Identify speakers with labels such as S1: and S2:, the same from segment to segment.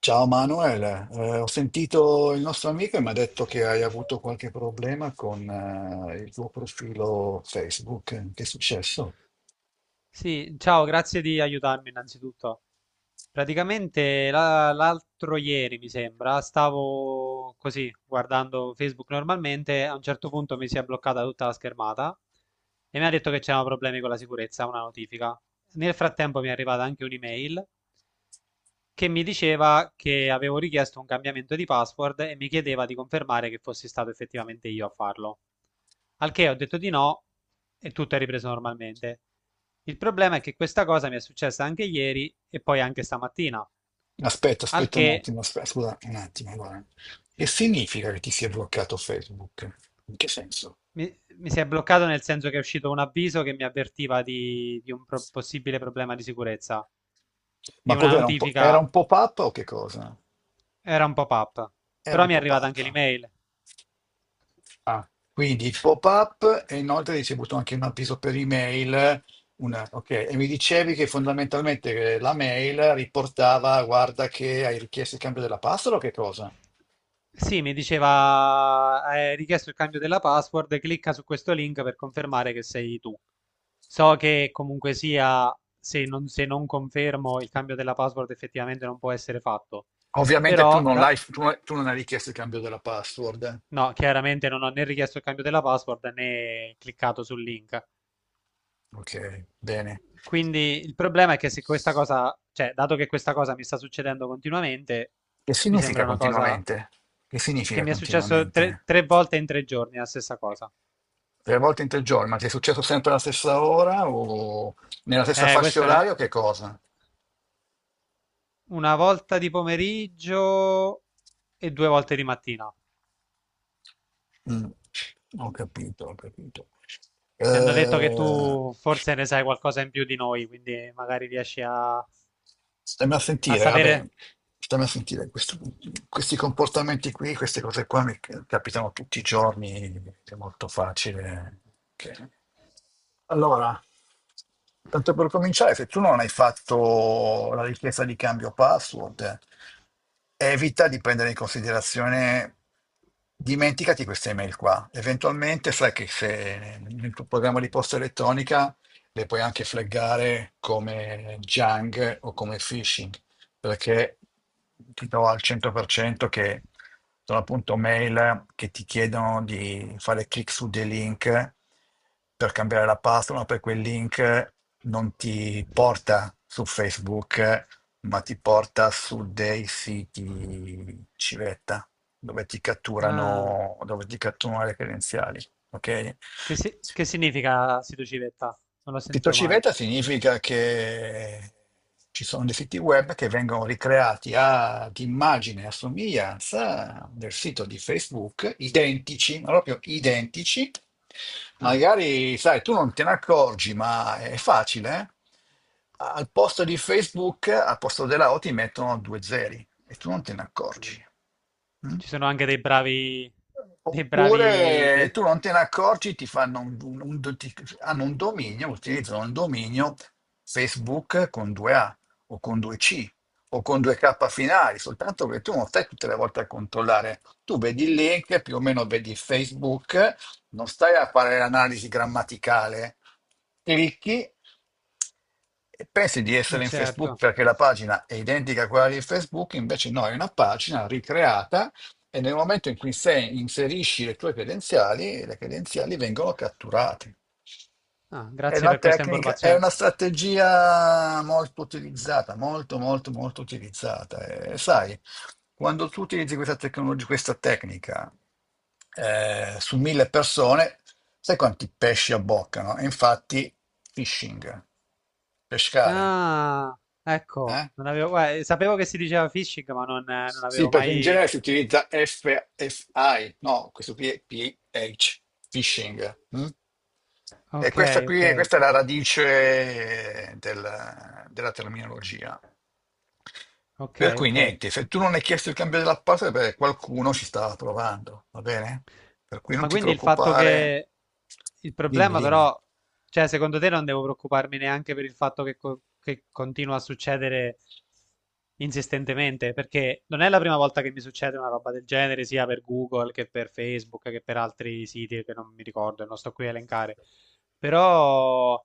S1: Ciao Manuel, ho sentito il nostro amico e mi ha detto che hai avuto qualche problema con il tuo profilo Facebook. Che è successo?
S2: Sì, ciao, grazie di aiutarmi innanzitutto. Praticamente l'altro ieri, mi sembra, stavo così guardando Facebook normalmente. A un certo punto mi si è bloccata tutta la schermata e mi ha detto che c'erano problemi con la sicurezza, una notifica. Nel frattempo mi è arrivata anche un'email che mi diceva che avevo richiesto un cambiamento di password e mi chiedeva di confermare che fossi stato effettivamente io a farlo. Al che ho detto di no e tutto è ripreso normalmente. Il problema è che questa cosa mi è successa anche ieri e poi anche stamattina,
S1: Aspetta,
S2: al
S1: aspetta un
S2: che
S1: attimo, aspetta, scusa un attimo. Guarda. Che significa che ti sia bloccato Facebook? In che senso?
S2: mi, mi si è bloccato nel senso che è uscito un avviso che mi avvertiva di un possibile problema di sicurezza e
S1: Ma
S2: una
S1: cos'era un po', era
S2: notifica,
S1: un pop-up o che cosa?
S2: era un pop-up.
S1: Era
S2: Però
S1: un
S2: mi è arrivata anche
S1: pop-up.
S2: l'email.
S1: Ah, quindi pop-up e inoltre hai ricevuto anche un avviso per email. Una, ok, e mi dicevi che fondamentalmente la mail riportava, guarda che hai richiesto il cambio della password o che cosa?
S2: Sì, mi diceva, hai richiesto il cambio della password, clicca su questo link per confermare che sei tu. So che comunque sia, se non confermo il cambio della password effettivamente non può essere fatto,
S1: Ovviamente tu
S2: però
S1: non l'hai, tu non hai richiesto il cambio della password.
S2: no, chiaramente non ho né richiesto il cambio della password né cliccato sul link.
S1: Ok, bene.
S2: Quindi il problema è che se questa cosa, cioè, dato che questa cosa mi sta succedendo continuamente,
S1: Che
S2: mi sembra
S1: significa
S2: una cosa
S1: continuamente? Che
S2: che
S1: significa
S2: mi è successo
S1: continuamente?
S2: tre volte in tre giorni, la stessa cosa.
S1: Tre volte in 3 giorni, ma ti è successo sempre alla stessa ora o nella stessa fascia
S2: Questo ne...
S1: oraria o che cosa?
S2: Una volta di pomeriggio e due volte di mattina.
S1: Mm. Ho capito, ho capito.
S2: Mi hanno detto che
S1: Eh,
S2: tu forse ne sai qualcosa in più di noi, quindi magari riesci a
S1: stiamo a sentire, vabbè,
S2: sapere.
S1: stiamo a sentire questi comportamenti qui, queste cose qua mi capitano tutti i giorni, è molto facile. che- Allora, tanto per cominciare, se tu non hai fatto la richiesta di cambio password, evita di prendere in considerazione, dimenticati queste email qua. Eventualmente sai che se nel tuo programma di posta elettronica le puoi anche flaggare come junk o come phishing, perché ti do al 100% che sono appunto mail che ti chiedono di fare clic su dei link per cambiare la password, ma poi quel link non ti porta su Facebook, ma ti porta su dei siti civetta
S2: Ah,
S1: dove ti catturano le credenziali, ok?
S2: che, che significa Situ Civetta? Non l'ho
S1: Sito
S2: sentito mai.
S1: civetta significa che ci sono dei siti web che vengono ricreati ad immagine e a somiglianza del sito di Facebook, identici, ma proprio identici.
S2: Ah,
S1: Magari, sai, tu non te ne accorgi, ma è facile. Eh? Al posto di Facebook, al posto della O ti mettono due zeri e tu non te ne accorgi. Mm?
S2: ci sono anche dei bravi. Dei bravi.
S1: Oppure tu
S2: De...
S1: non te ne accorgi, ti fanno hanno un dominio, utilizzano un dominio Facebook con 2A o con 2C o con 2K finali, soltanto che tu non stai tutte le volte a controllare. Tu vedi il link, più o meno vedi Facebook, non stai a fare l'analisi grammaticale, clicchi e pensi di essere in Facebook
S2: Certo.
S1: perché la pagina è identica a quella di Facebook, invece no, è una pagina ricreata e nel momento in cui se inserisci le tue credenziali, le credenziali vengono catturate.
S2: Ah,
S1: È
S2: grazie
S1: una
S2: per questa
S1: tecnica, è
S2: informazione.
S1: una strategia molto utilizzata, molto, molto, molto utilizzata. E sai, quando tu utilizzi questa tecnologia, questa tecnica su 1.000 persone, sai quanti pesci abboccano? E infatti, phishing, pescare.
S2: Ah, ecco,
S1: Eh?
S2: non avevo, guarda, sapevo che si diceva phishing, ma non, non
S1: Sì,
S2: avevo
S1: perché in
S2: mai,
S1: genere si utilizza FFI, no, questo qui è PH, phishing. Mm? E questa
S2: okay,
S1: qui,
S2: okay,
S1: questa è la radice della terminologia. Per
S2: okay,
S1: cui
S2: okay.
S1: niente, se
S2: M,
S1: tu non hai chiesto il cambio della password, beh, qualcuno ci stava provando, va bene? Per cui non
S2: ma
S1: ti
S2: quindi il fatto
S1: preoccupare.
S2: che il
S1: Dimmi,
S2: problema
S1: dimmi.
S2: però, cioè secondo te non devo preoccuparmi neanche per il fatto che, che continua a succedere insistentemente, perché non è la prima volta che mi succede una roba del genere, sia per Google che per Facebook che per altri siti che non mi ricordo e non sto qui a elencare. Però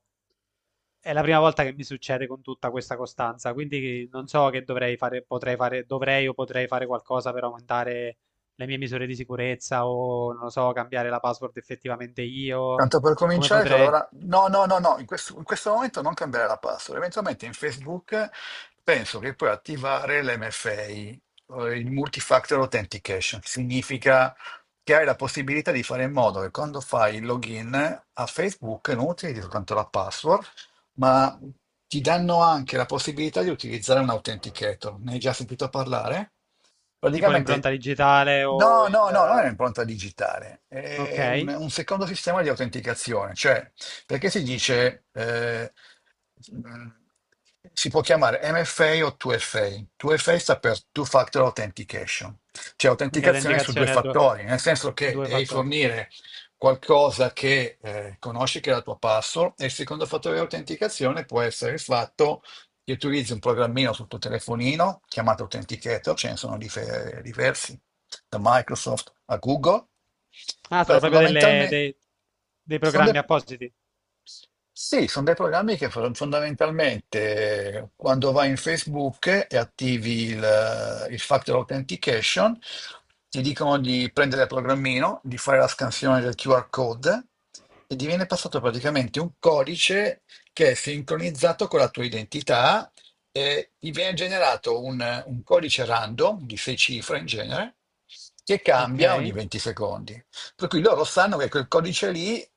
S2: è la prima volta che mi succede con tutta questa costanza, quindi non so che dovrei fare, potrei fare, dovrei o potrei fare qualcosa per aumentare le mie misure di sicurezza o non lo so, cambiare la password effettivamente io,
S1: Tanto per
S2: come
S1: cominciare, cioè,
S2: potrei,
S1: allora, no, no, no, no, in questo momento non cambiare la password. Eventualmente in Facebook penso che puoi attivare l'MFA, il Multi-Factor Authentication, che significa che hai la possibilità di fare in modo che quando fai il login a Facebook non utilizzi soltanto la password, ma ti danno anche la possibilità di utilizzare un authenticator. Ne hai già sentito parlare?
S2: tipo l'impronta
S1: Praticamente,
S2: digitale o
S1: no,
S2: il...
S1: no, no, non è un'impronta digitale,
S2: Ok,
S1: è un secondo sistema di autenticazione, cioè perché si dice, mh, si può chiamare MFA o 2FA. 2FA sta per Two Factor Authentication, cioè
S2: quindi
S1: autenticazione su due
S2: autenticazione a due,
S1: fattori, nel senso che
S2: due
S1: devi
S2: fattori.
S1: fornire qualcosa che conosci che è la tua password e il secondo fattore di autenticazione può essere il fatto che utilizzi un programmino sul tuo telefonino chiamato Authenticator, ce ne sono diversi, da Microsoft a Google.
S2: Ah, sono
S1: Beh,
S2: proprio
S1: fondamentalmente
S2: dei
S1: sono, dei
S2: programmi appositi.
S1: sì, sono dei programmi che fondamentalmente quando vai in Facebook e attivi il Factor Authentication, ti dicono di prendere il programmino, di fare la scansione del QR code e ti viene passato praticamente un codice che è sincronizzato con la tua identità e ti viene generato un codice random di sei cifre in genere che
S2: Ok,
S1: cambia ogni 20 secondi. Per cui loro sanno che quel codice lì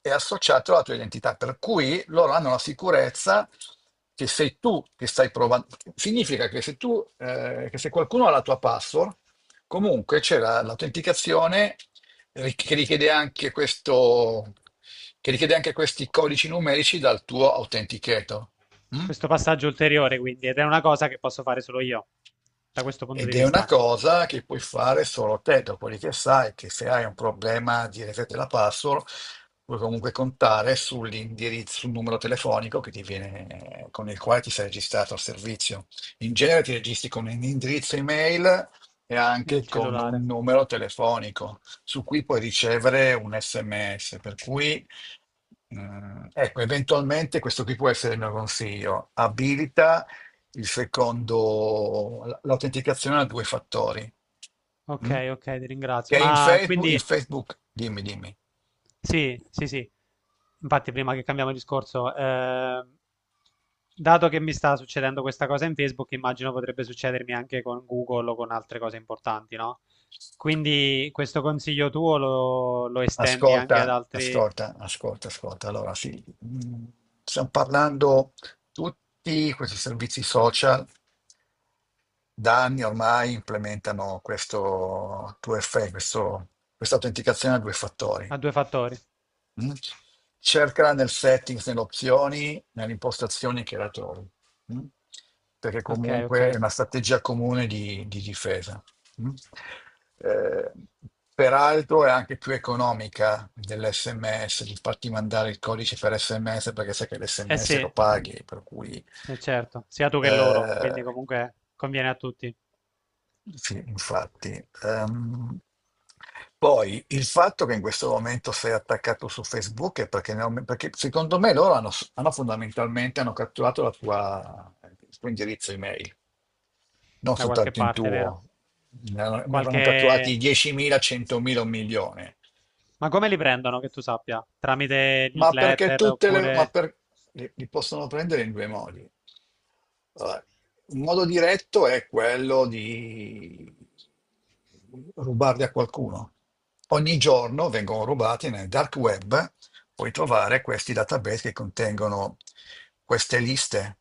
S1: è associato alla tua identità, per cui loro hanno la sicurezza che sei tu che stai provando. Significa che se qualcuno ha la tua password, comunque c'è l'autenticazione che richiede anche questo, che richiede anche questi codici numerici dal tuo autenticator. Mm?
S2: questo passaggio ulteriore quindi, ed è una cosa che posso fare solo io, da questo punto
S1: Ed
S2: di
S1: è una
S2: vista.
S1: cosa che puoi fare solo te, dopodiché sai che se hai un problema di reset della password, puoi comunque contare sull'indirizzo, sul numero telefonico che ti viene, con il quale ti sei registrato al servizio. In genere ti registri con un indirizzo email e anche
S2: Il
S1: con un
S2: cellulare.
S1: numero telefonico su cui puoi ricevere un SMS, per cui ecco, eventualmente questo qui può essere il mio consiglio. Abilita il secondo, l'autenticazione a due fattori.
S2: Ok,
S1: Mm?
S2: ok, ti ringrazio.
S1: Che
S2: Ma quindi
S1: In Facebook, dimmi, dimmi.
S2: sì, sì, sì. Infatti, prima che cambiamo discorso, dato che mi sta succedendo questa cosa in Facebook, immagino potrebbe succedermi anche con Google o con altre cose importanti, no? Quindi questo consiglio tuo lo estendi anche ad
S1: Ascolta,
S2: altri,
S1: ascolta, ascolta, ascolta. Allora, sì, stiamo parlando, tutti questi servizi social da anni ormai implementano questo 2FA, questa autenticazione a due fattori.
S2: a due fattori.
S1: Mm? Cercala nel settings, nelle opzioni, nelle impostazioni che la trovi. Mm? Perché
S2: Ok,
S1: comunque è
S2: ok.
S1: una strategia comune di difesa. Mm? Eh, peraltro è anche più economica dell'SMS, di farti mandare il codice per SMS perché sai che
S2: Eh sì.
S1: l'SMS lo paghi, per cui
S2: Certo, sia tu che loro, quindi
S1: eh,
S2: comunque conviene a tutti,
S1: sì, infatti. Poi il fatto che in questo momento sei attaccato su Facebook è perché, perché secondo me loro hanno, hanno fondamentalmente hanno catturato il tuo indirizzo email, non
S2: da qualche
S1: soltanto il
S2: parte, vero?
S1: tuo. Ne avevano
S2: Qualche...
S1: catturati 10.000, 100.000, un milione.
S2: Ma come li prendono, che tu sappia? Tramite
S1: Ma perché
S2: newsletter
S1: tutte le... Ma
S2: oppure...
S1: per, li, li possono prendere in due modi. Allora, un modo diretto è quello di rubarli a qualcuno. Ogni giorno vengono rubati nel dark web, puoi trovare questi database che contengono queste liste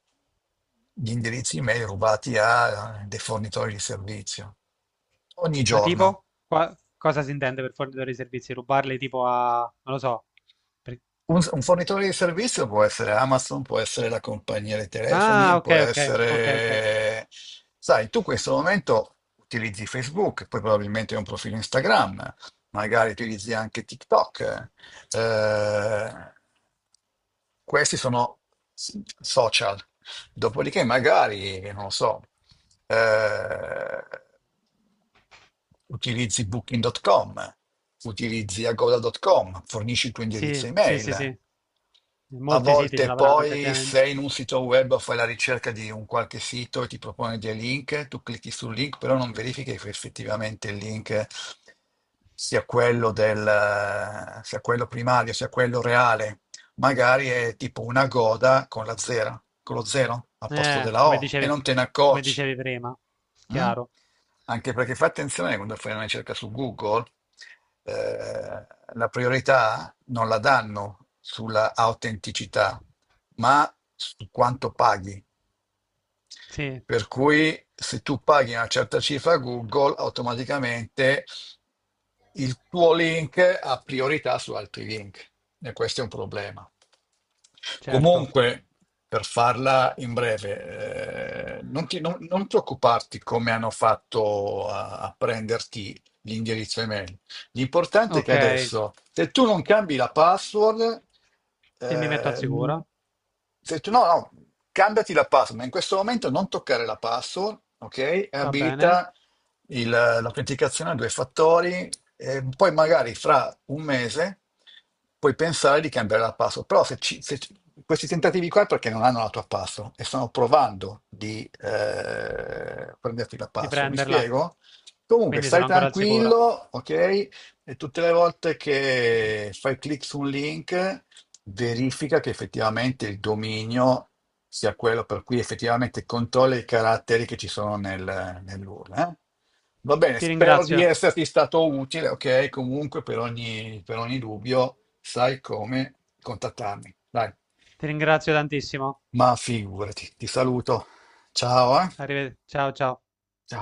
S1: di indirizzi email rubati a dei fornitori di servizio. Ogni
S2: Ma
S1: giorno.
S2: tipo? Qua- cosa si intende per fornitore di servizi? Rubarli tipo a... non lo so. Per-
S1: Un fornitore di servizio può essere Amazon, può essere la compagnia dei
S2: ah,
S1: telefoni,
S2: ok,
S1: può
S2: ok, ok, ok.
S1: essere... Sai, tu in questo momento utilizzi Facebook, poi probabilmente hai un profilo Instagram, magari utilizzi anche TikTok. eh, questi sono social. Dopodiché, magari, non lo so, eh, utilizzi booking.com, utilizzi agoda.com, fornisci il tuo indirizzo
S2: Sì, sì, sì,
S1: email.
S2: sì.
S1: A
S2: Molti siti ce
S1: volte
S2: l'avranno
S1: poi
S2: effettivamente.
S1: sei in un sito web o fai la ricerca di un qualche sito e ti propone dei link, tu clicchi sul link, però non verifichi che effettivamente il link sia quello primario, sia quello reale magari è tipo una goda con la zera, con lo zero al posto
S2: Eh,
S1: della
S2: come
S1: O e
S2: dicevi,
S1: non te ne
S2: come
S1: accorgi.
S2: dicevi prima.
S1: Mm?
S2: Chiaro.
S1: Anche perché fai attenzione quando fai una ricerca su Google, eh, la priorità non la danno sulla autenticità, ma su quanto paghi.
S2: Sì,
S1: Per cui se tu paghi una certa cifra a Google, automaticamente il tuo link ha priorità su altri link e questo è un problema.
S2: certo.
S1: Comunque, per farla in breve, non, ti- non- non preoccuparti come hanno fatto a prenderti l'indirizzo email. L'importante è che
S2: Ok, e
S1: adesso, se tu non cambi la password,
S2: mi metto al
S1: eh,
S2: sicuro.
S1: se tu, no, no, cambiati la password, ma in questo momento non toccare la password, ok? E
S2: Va bene,
S1: abilita l'autenticazione a due fattori, e poi magari fra un mese puoi pensare di cambiare la password. Però se, ci- se ci- questi tentativi qua è perché non hanno la tua password e stanno provando di prenderti la
S2: di
S1: password, mi
S2: prenderla,
S1: spiego? Comunque
S2: quindi
S1: stai
S2: sono ancora al sicuro.
S1: tranquillo, ok? E tutte le volte che fai clic su un link, verifica che effettivamente il dominio sia quello per cui effettivamente controlla i caratteri che ci sono nell'URL. Va bene,
S2: Ti
S1: spero di
S2: ringrazio,
S1: esserti stato utile, ok? Comunque per ogni dubbio sai come contattarmi. Dai,
S2: ti ringrazio tantissimo.
S1: ma figurati, ti saluto. Ciao, eh?
S2: Arrivederci, ciao ciao.
S1: Ciao.